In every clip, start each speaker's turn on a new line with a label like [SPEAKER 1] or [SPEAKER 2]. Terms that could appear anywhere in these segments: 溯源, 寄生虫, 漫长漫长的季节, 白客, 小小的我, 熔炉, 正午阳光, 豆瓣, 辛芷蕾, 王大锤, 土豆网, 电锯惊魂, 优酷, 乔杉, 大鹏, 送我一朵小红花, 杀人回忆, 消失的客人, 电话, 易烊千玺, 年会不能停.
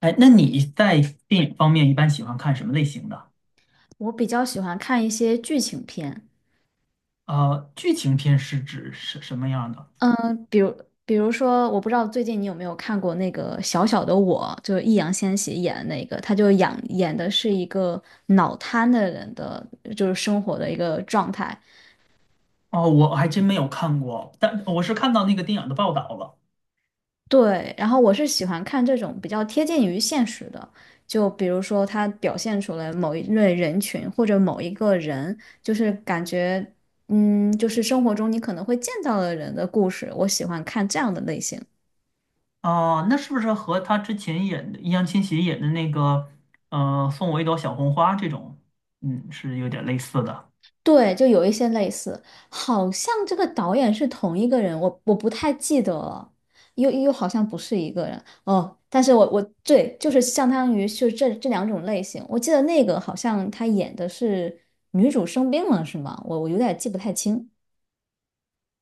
[SPEAKER 1] 哎，那你在电影方面一般喜欢看什么类型的？
[SPEAKER 2] 我比较喜欢看一些剧情片。
[SPEAKER 1] 剧情片是指什么样的？
[SPEAKER 2] 嗯，比如比如说，我不知道最近你有没有看过那个《小小的我》，就是易烊千玺演的那个，他就演的是一个脑瘫的人的，就是生活的一个状态。
[SPEAKER 1] 哦，我还真没有看过，但我是看到那个电影的报道了。
[SPEAKER 2] 对，然后我是喜欢看这种比较贴近于现实的，就比如说他表现出来某一类人群或者某一个人，就是感觉，就是生活中你可能会见到的人的故事，我喜欢看这样的类型。
[SPEAKER 1] 哦，那是不是和他之前演的易烊千玺演的那个，送我一朵小红花这种，嗯，是有点类似的。
[SPEAKER 2] 对，就有一些类似，好像这个导演是同一个人，我不太记得了，又好像不是一个人哦。但是我对，就是相当于是这两种类型，我记得那个好像他演的是女主生病了，是吗？我有点记不太清。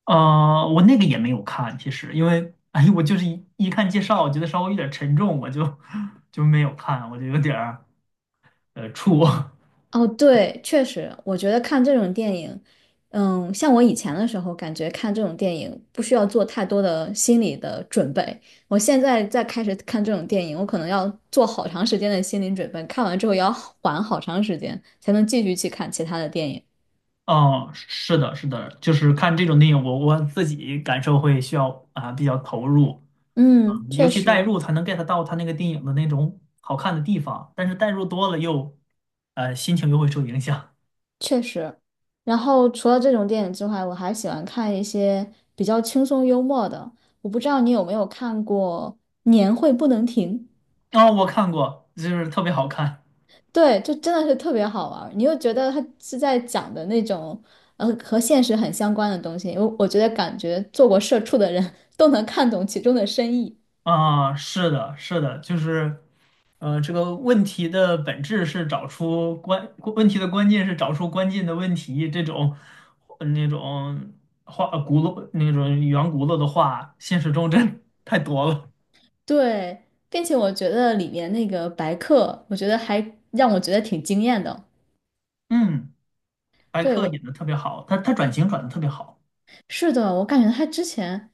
[SPEAKER 1] 我那个也没有看，其实因为，哎，我就是一看介绍，我觉得稍微有点沉重，我就 就没有看，我就有点儿怵。
[SPEAKER 2] 哦，对，确实，我觉得看这种电影，像我以前的时候，感觉看这种电影不需要做太多的心理的准备。我现在再开始看这种电影，我可能要做好长时间的心理准备，看完之后也要缓好长时间，才能继续去看其他的电影。
[SPEAKER 1] 哦，是的，是的，就是看这种电影，我自己感受会需要啊、比较投入，
[SPEAKER 2] 嗯，
[SPEAKER 1] 嗯，尤
[SPEAKER 2] 确
[SPEAKER 1] 其代
[SPEAKER 2] 实
[SPEAKER 1] 入才能 get 到他那个电影的那种好看的地方，但是代入多了又，呃，心情又会受影响。
[SPEAKER 2] 确实。然后除了这种电影之外，我还喜欢看一些比较轻松幽默的。我不知道你有没有看过《年会不能停》。
[SPEAKER 1] 啊、我看过，就是特别好看。
[SPEAKER 2] 对，就真的是特别好玩儿你又觉得他是在讲的那种，和现实很相关的东西。我觉得感觉做过社畜的人 都能看懂其中的深意。
[SPEAKER 1] 啊、是的，是的，就是。呃，这个问题的本质是找出关，问题的关键是找出关键的问题。这种那种话，呃轱辘那种圆轱辘的话，现实中真太多了。
[SPEAKER 2] 对，并且我觉得里面那个白客，我觉得还让我觉得挺惊艳的。
[SPEAKER 1] 嗯，白
[SPEAKER 2] 对，
[SPEAKER 1] 客
[SPEAKER 2] 我
[SPEAKER 1] 演的特别好，他转型转的特别好。
[SPEAKER 2] 是的，我感觉他之前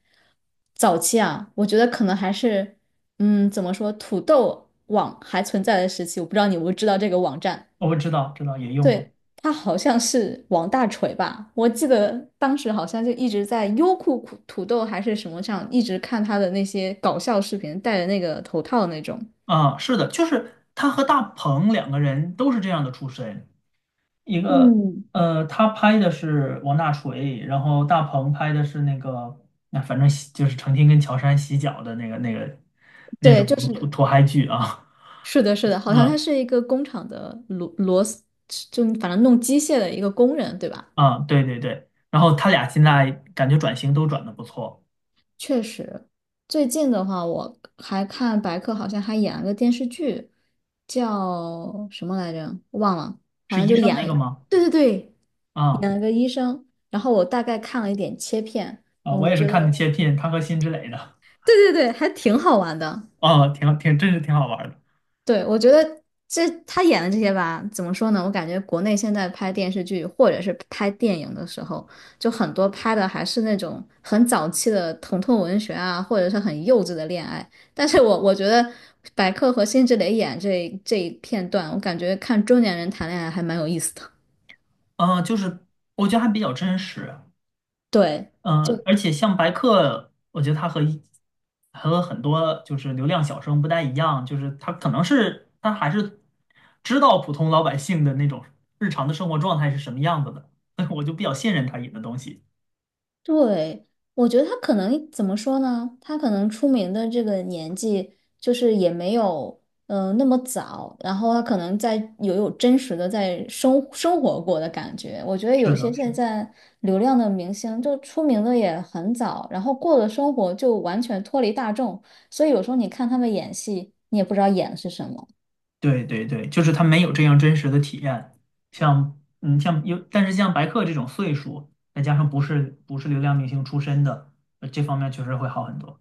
[SPEAKER 2] 早期啊，我觉得可能还是，怎么说，土豆网还存在的时期，我不知道你有没有知道这个网站。
[SPEAKER 1] 我知道，知道也用过。
[SPEAKER 2] 对，他好像是王大锤吧？我记得当时好像就一直在优酷土豆还是什么上，一直看他的那些搞笑视频，戴着那个头套那种。
[SPEAKER 1] 啊，是的，就是他和大鹏两个人都是这样的出身。一个
[SPEAKER 2] 嗯，
[SPEAKER 1] 他拍的是王大锤，然后大鹏拍的是那个，那反正洗就是成天跟乔杉洗脚的那个那
[SPEAKER 2] 对，
[SPEAKER 1] 种
[SPEAKER 2] 就
[SPEAKER 1] 土
[SPEAKER 2] 是
[SPEAKER 1] 土嗨剧啊，
[SPEAKER 2] 是的，是的，好像他
[SPEAKER 1] 嗯。
[SPEAKER 2] 是一个工厂的螺丝，就反正弄机械的一个工人，对吧？
[SPEAKER 1] 啊，对对对，然后他俩现在感觉转型都转的不错，
[SPEAKER 2] 确实，最近的话，我还看白客好像还演了个电视剧，叫什么来着？忘了，反
[SPEAKER 1] 是
[SPEAKER 2] 正
[SPEAKER 1] 医
[SPEAKER 2] 就
[SPEAKER 1] 生
[SPEAKER 2] 演
[SPEAKER 1] 那
[SPEAKER 2] 了。
[SPEAKER 1] 个吗？
[SPEAKER 2] 对对对，
[SPEAKER 1] 啊
[SPEAKER 2] 生，然后我大概看了一点切片，
[SPEAKER 1] 啊，我
[SPEAKER 2] 我
[SPEAKER 1] 也是
[SPEAKER 2] 觉得
[SPEAKER 1] 看的切片，他和辛芷蕾的，
[SPEAKER 2] 对对对，还挺好玩的。
[SPEAKER 1] 啊，挺挺真是挺好玩的。
[SPEAKER 2] 对，我觉得这他演的这些吧，怎么说呢？我感觉国内现在拍电视剧或者是拍电影的时候，就很多拍的还是那种很早期的疼痛文学啊，或者是很幼稚的恋爱。但是我觉得白客和辛芷蕾演这一片段，我感觉看中年人谈恋爱还蛮有意思的。
[SPEAKER 1] 啊，就是我觉得还比较真实，
[SPEAKER 2] 对。就。
[SPEAKER 1] 嗯，而且像白客，我觉得他和一和很多就是流量小生不太一样，就是他可能是他还是知道普通老百姓的那种日常的生活状态是什么样子的，所以我就比较信任他演的东西。
[SPEAKER 2] 对，我觉得他可能怎么说呢？他可能出名的这个年纪，就是也没有那么早，然后他可能在有真实的在生活过的感觉。我觉得有
[SPEAKER 1] 是的，
[SPEAKER 2] 些
[SPEAKER 1] 是
[SPEAKER 2] 现
[SPEAKER 1] 的，
[SPEAKER 2] 在流量的明星，就出名的也很早，然后过的生活就完全脱离大众，所以有时候你看他们演戏，你也不知道演的是什么。
[SPEAKER 1] 对对对，就是他没有这样真实的体验，像嗯像有，但是像白客这种岁数，再加上不是流量明星出身的，这方面确实会好很多。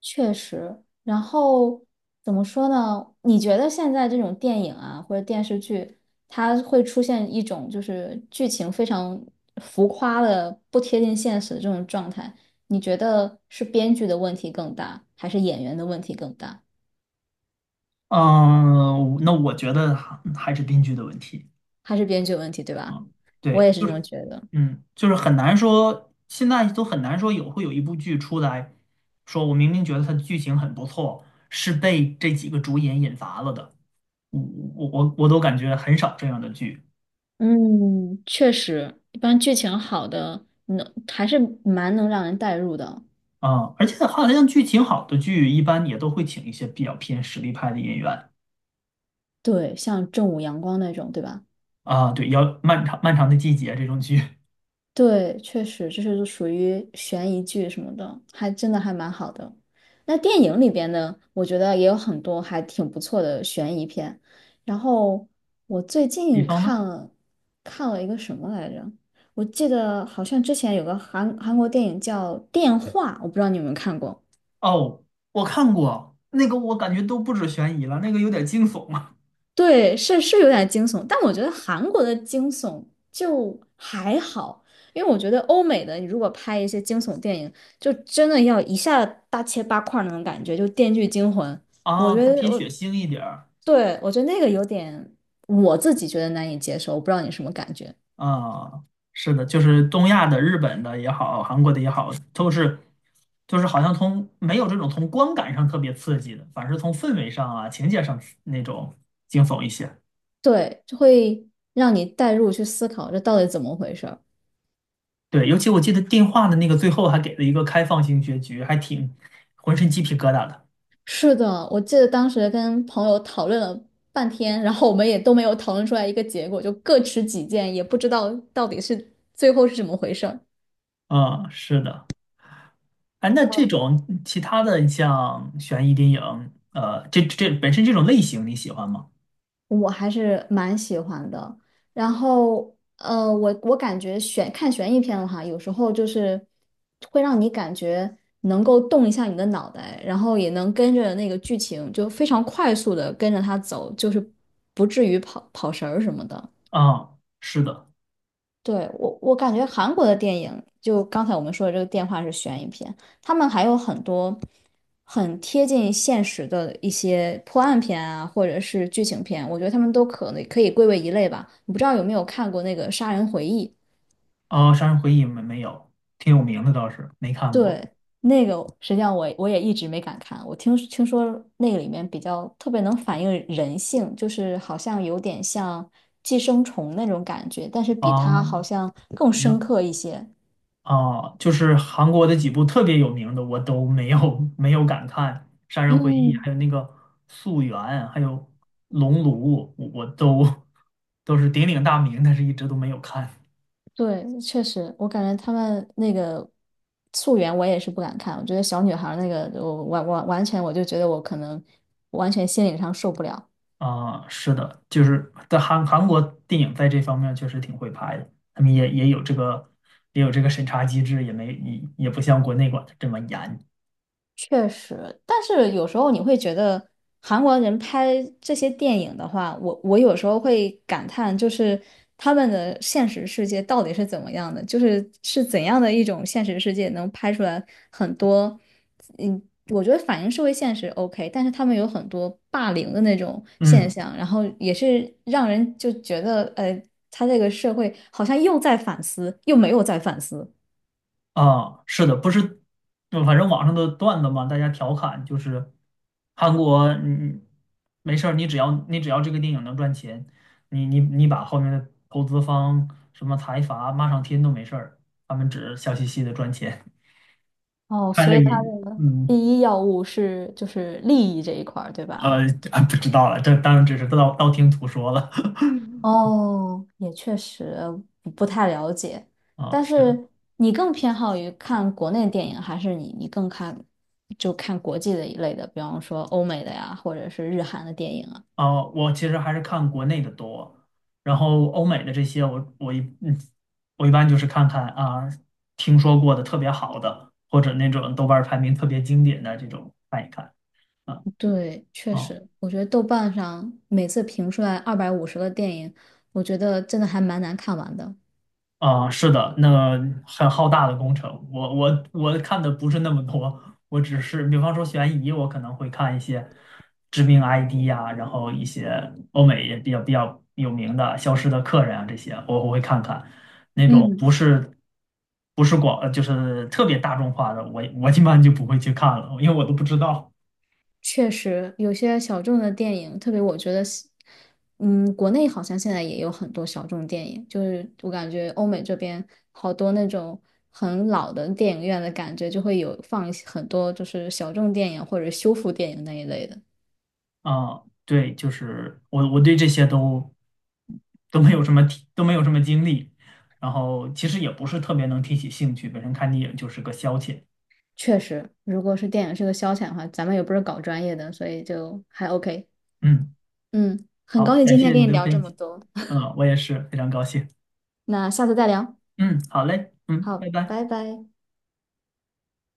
[SPEAKER 2] 确实，然后怎么说呢？你觉得现在这种电影啊，或者电视剧，它会出现一种就是剧情非常浮夸的、不贴近现实的这种状态？你觉得是编剧的问题更大，还是演员的问题更大？
[SPEAKER 1] 嗯，那我觉得还是编剧的问题。
[SPEAKER 2] 还是编剧的问题，对吧？我
[SPEAKER 1] 对，
[SPEAKER 2] 也是
[SPEAKER 1] 就
[SPEAKER 2] 这么
[SPEAKER 1] 是。
[SPEAKER 2] 觉得。
[SPEAKER 1] 嗯，就是很难说，现在都很难说有会有一部剧出来，说我明明觉得它的剧情很不错，是被这几个主演引乏了的。我我我都感觉很少这样的剧。
[SPEAKER 2] 嗯，确实，一般剧情好的，能还是蛮能让人代入的。
[SPEAKER 1] 啊，而且好像剧情好的剧一般也都会请一些比较偏实力派的演员。
[SPEAKER 2] 对，像正午阳光那种，对吧？
[SPEAKER 1] 啊。对，要漫长漫长的季节这种剧，
[SPEAKER 2] 对，确实，这是属于悬疑剧什么的，还真的还蛮好的。那电影里边呢，我觉得也有很多还挺不错的悬疑片。然后我最
[SPEAKER 1] 比
[SPEAKER 2] 近
[SPEAKER 1] 方呢，
[SPEAKER 2] 看了一个什么来着？我记得好像之前有个韩国电影叫《电话》，我不知道你有没有看过。
[SPEAKER 1] 哦，我看过那个，我感觉都不止悬疑了，那个有点惊悚啊。
[SPEAKER 2] 对，是是有点惊悚，但我觉得韩国的惊悚就还好，因为我觉得欧美的你如果拍一些惊悚电影，就真的要一下大切八块儿那种感觉，就《电锯惊魂》，我
[SPEAKER 1] 啊，
[SPEAKER 2] 觉
[SPEAKER 1] 它
[SPEAKER 2] 得
[SPEAKER 1] 偏血
[SPEAKER 2] 我
[SPEAKER 1] 腥一点儿。
[SPEAKER 2] 对我觉得那个有点我自己觉得难以接受，我不知道你什么感觉，
[SPEAKER 1] 啊，是的，就是东亚的、日本的也好，韩国的也好，都是，就是好像从没有这种从观感上特别刺激的，反而是从氛围上啊、情节上那种惊悚一些。
[SPEAKER 2] 对，就会让你带入去思考这到底怎么回事儿
[SPEAKER 1] 对，尤其我记得电话的那个最后还给了一个开放性结局，还挺浑身鸡皮疙瘩的。
[SPEAKER 2] 是的，我记得当时跟朋友讨论了半天，然后我们也都没有讨论出来一个结果，就各持己见，也不知道到底是最后是怎么回事儿。
[SPEAKER 1] 嗯，是的。哎，那这种其他的你像悬疑电影，这本身这种类型你喜欢吗？
[SPEAKER 2] 我还是蛮喜欢的。然后，我感觉看悬疑片的话，有时候就是会让你感觉能够动一下你的脑袋，然后也能跟着那个剧情就非常快速的跟着它走，就是不至于跑跑神儿什么的。
[SPEAKER 1] 啊、是的。
[SPEAKER 2] 对，我，我感觉韩国的电影，就刚才我们说的这个电话是悬疑片，他们还有很多很贴近现实的一些破案片啊，或者是剧情片，我觉得他们都可能可以归为一类吧。你不知道有没有看过那个《杀人回忆》？
[SPEAKER 1] 哦，《杀人回忆》没有，挺有名的倒是，没看过。
[SPEAKER 2] 对，那个实际上我也一直没敢看，我听说那个里面比较特别能反映人性，就是好像有点像寄生虫那种感觉，但是比它
[SPEAKER 1] 哦，
[SPEAKER 2] 好像更
[SPEAKER 1] 还
[SPEAKER 2] 深
[SPEAKER 1] 有。
[SPEAKER 2] 刻一些。
[SPEAKER 1] 啊，就是韩国的几部特别有名的，我都没有 没有敢看，《杀人回忆》，
[SPEAKER 2] 嗯。
[SPEAKER 1] 还有那个《溯源》，还有《熔炉》，我都都是鼎鼎大名，但是一直都没有看。
[SPEAKER 2] 对，确实，我感觉他们那个溯源我也是不敢看，我觉得小女孩儿那个，我完全我就觉得我可能完全心理上受不了，
[SPEAKER 1] 啊、是的，就是在韩国电影在这方面确实挺会拍的，他们也有这个也有这个审查机制，也没也也不像国内管的这么严。
[SPEAKER 2] 确实，但是有时候你会觉得韩国人拍这些电影的话，我有时候会感叹，就是他们的现实世界到底是怎么样的，就是是怎样的一种现实世界能拍出来很多，嗯，我觉得反映社会现实 OK,但是他们有很多霸凌的那种现
[SPEAKER 1] 嗯。
[SPEAKER 2] 象，然后也是让人就觉得，他这个社会好像又在反思，又没有在反思。
[SPEAKER 1] 啊，是的，不是，就反正网上的段子嘛，大家调侃就是韩国，嗯，没事儿，你只要这个电影能赚钱，你把后面的投资方什么财阀骂上天都没事儿，他们只笑嘻嘻的赚钱，
[SPEAKER 2] 哦，
[SPEAKER 1] 看
[SPEAKER 2] 所
[SPEAKER 1] 了
[SPEAKER 2] 以它
[SPEAKER 1] 你，
[SPEAKER 2] 的第
[SPEAKER 1] 嗯，
[SPEAKER 2] 一要务是就是利益这一块儿，对吧？
[SPEAKER 1] 呃，啊，不知道了，这当然只是道听途说了，
[SPEAKER 2] 哦，也确实不不太了解。
[SPEAKER 1] 啊，
[SPEAKER 2] 但
[SPEAKER 1] 是。的。
[SPEAKER 2] 是你更偏好于看国内电影，还是你更看就看国际的一类的，比方说欧美的呀，或者是日韩的电影啊？
[SPEAKER 1] 我其实还是看国内的多，然后欧美的这些我，我一嗯，我一般就是看看啊，听说过的特别好的，或者那种豆瓣儿排名特别经典的这种看一看啊。
[SPEAKER 2] 对，确
[SPEAKER 1] 啊。
[SPEAKER 2] 实，我觉得豆瓣上每次评出来250个电影，我觉得真的还蛮难看完的。
[SPEAKER 1] 啊，是的，那个很浩大的工程，我看的不是那么多，我只是比方说悬疑，我可能会看一些知名 ID 呀、然后一些欧美也比较有名的《消失的客人》啊这些，我会看看。那种
[SPEAKER 2] 嗯，
[SPEAKER 1] 不是，就是特别大众化的，我我一般就不会去看了，因为我都不知道。
[SPEAKER 2] 确实，有些小众的电影，特别我觉得西嗯，国内好像现在也有很多小众电影，就是我感觉欧美这边好多那种很老的电影院的感觉，就会有放一些很多就是小众电影或者修复电影那一类的。
[SPEAKER 1] 啊，对，就是我对这些都没有什么提，都没有什么经历，然后其实也不是特别能提起兴趣，本身看电影就是个消遣。
[SPEAKER 2] 确实，如果是电影是个消遣的话，咱们也不是搞专业的，所以就还 OK。
[SPEAKER 1] 嗯，
[SPEAKER 2] 嗯，很高
[SPEAKER 1] 好，
[SPEAKER 2] 兴
[SPEAKER 1] 感
[SPEAKER 2] 今天
[SPEAKER 1] 谢
[SPEAKER 2] 跟
[SPEAKER 1] 你
[SPEAKER 2] 你
[SPEAKER 1] 的
[SPEAKER 2] 聊这
[SPEAKER 1] 分
[SPEAKER 2] 么
[SPEAKER 1] 享，
[SPEAKER 2] 多，
[SPEAKER 1] 嗯，我也是非常高兴。
[SPEAKER 2] 那下次再聊。
[SPEAKER 1] 嗯，好嘞，嗯，
[SPEAKER 2] 好，
[SPEAKER 1] 拜拜。
[SPEAKER 2] 拜拜。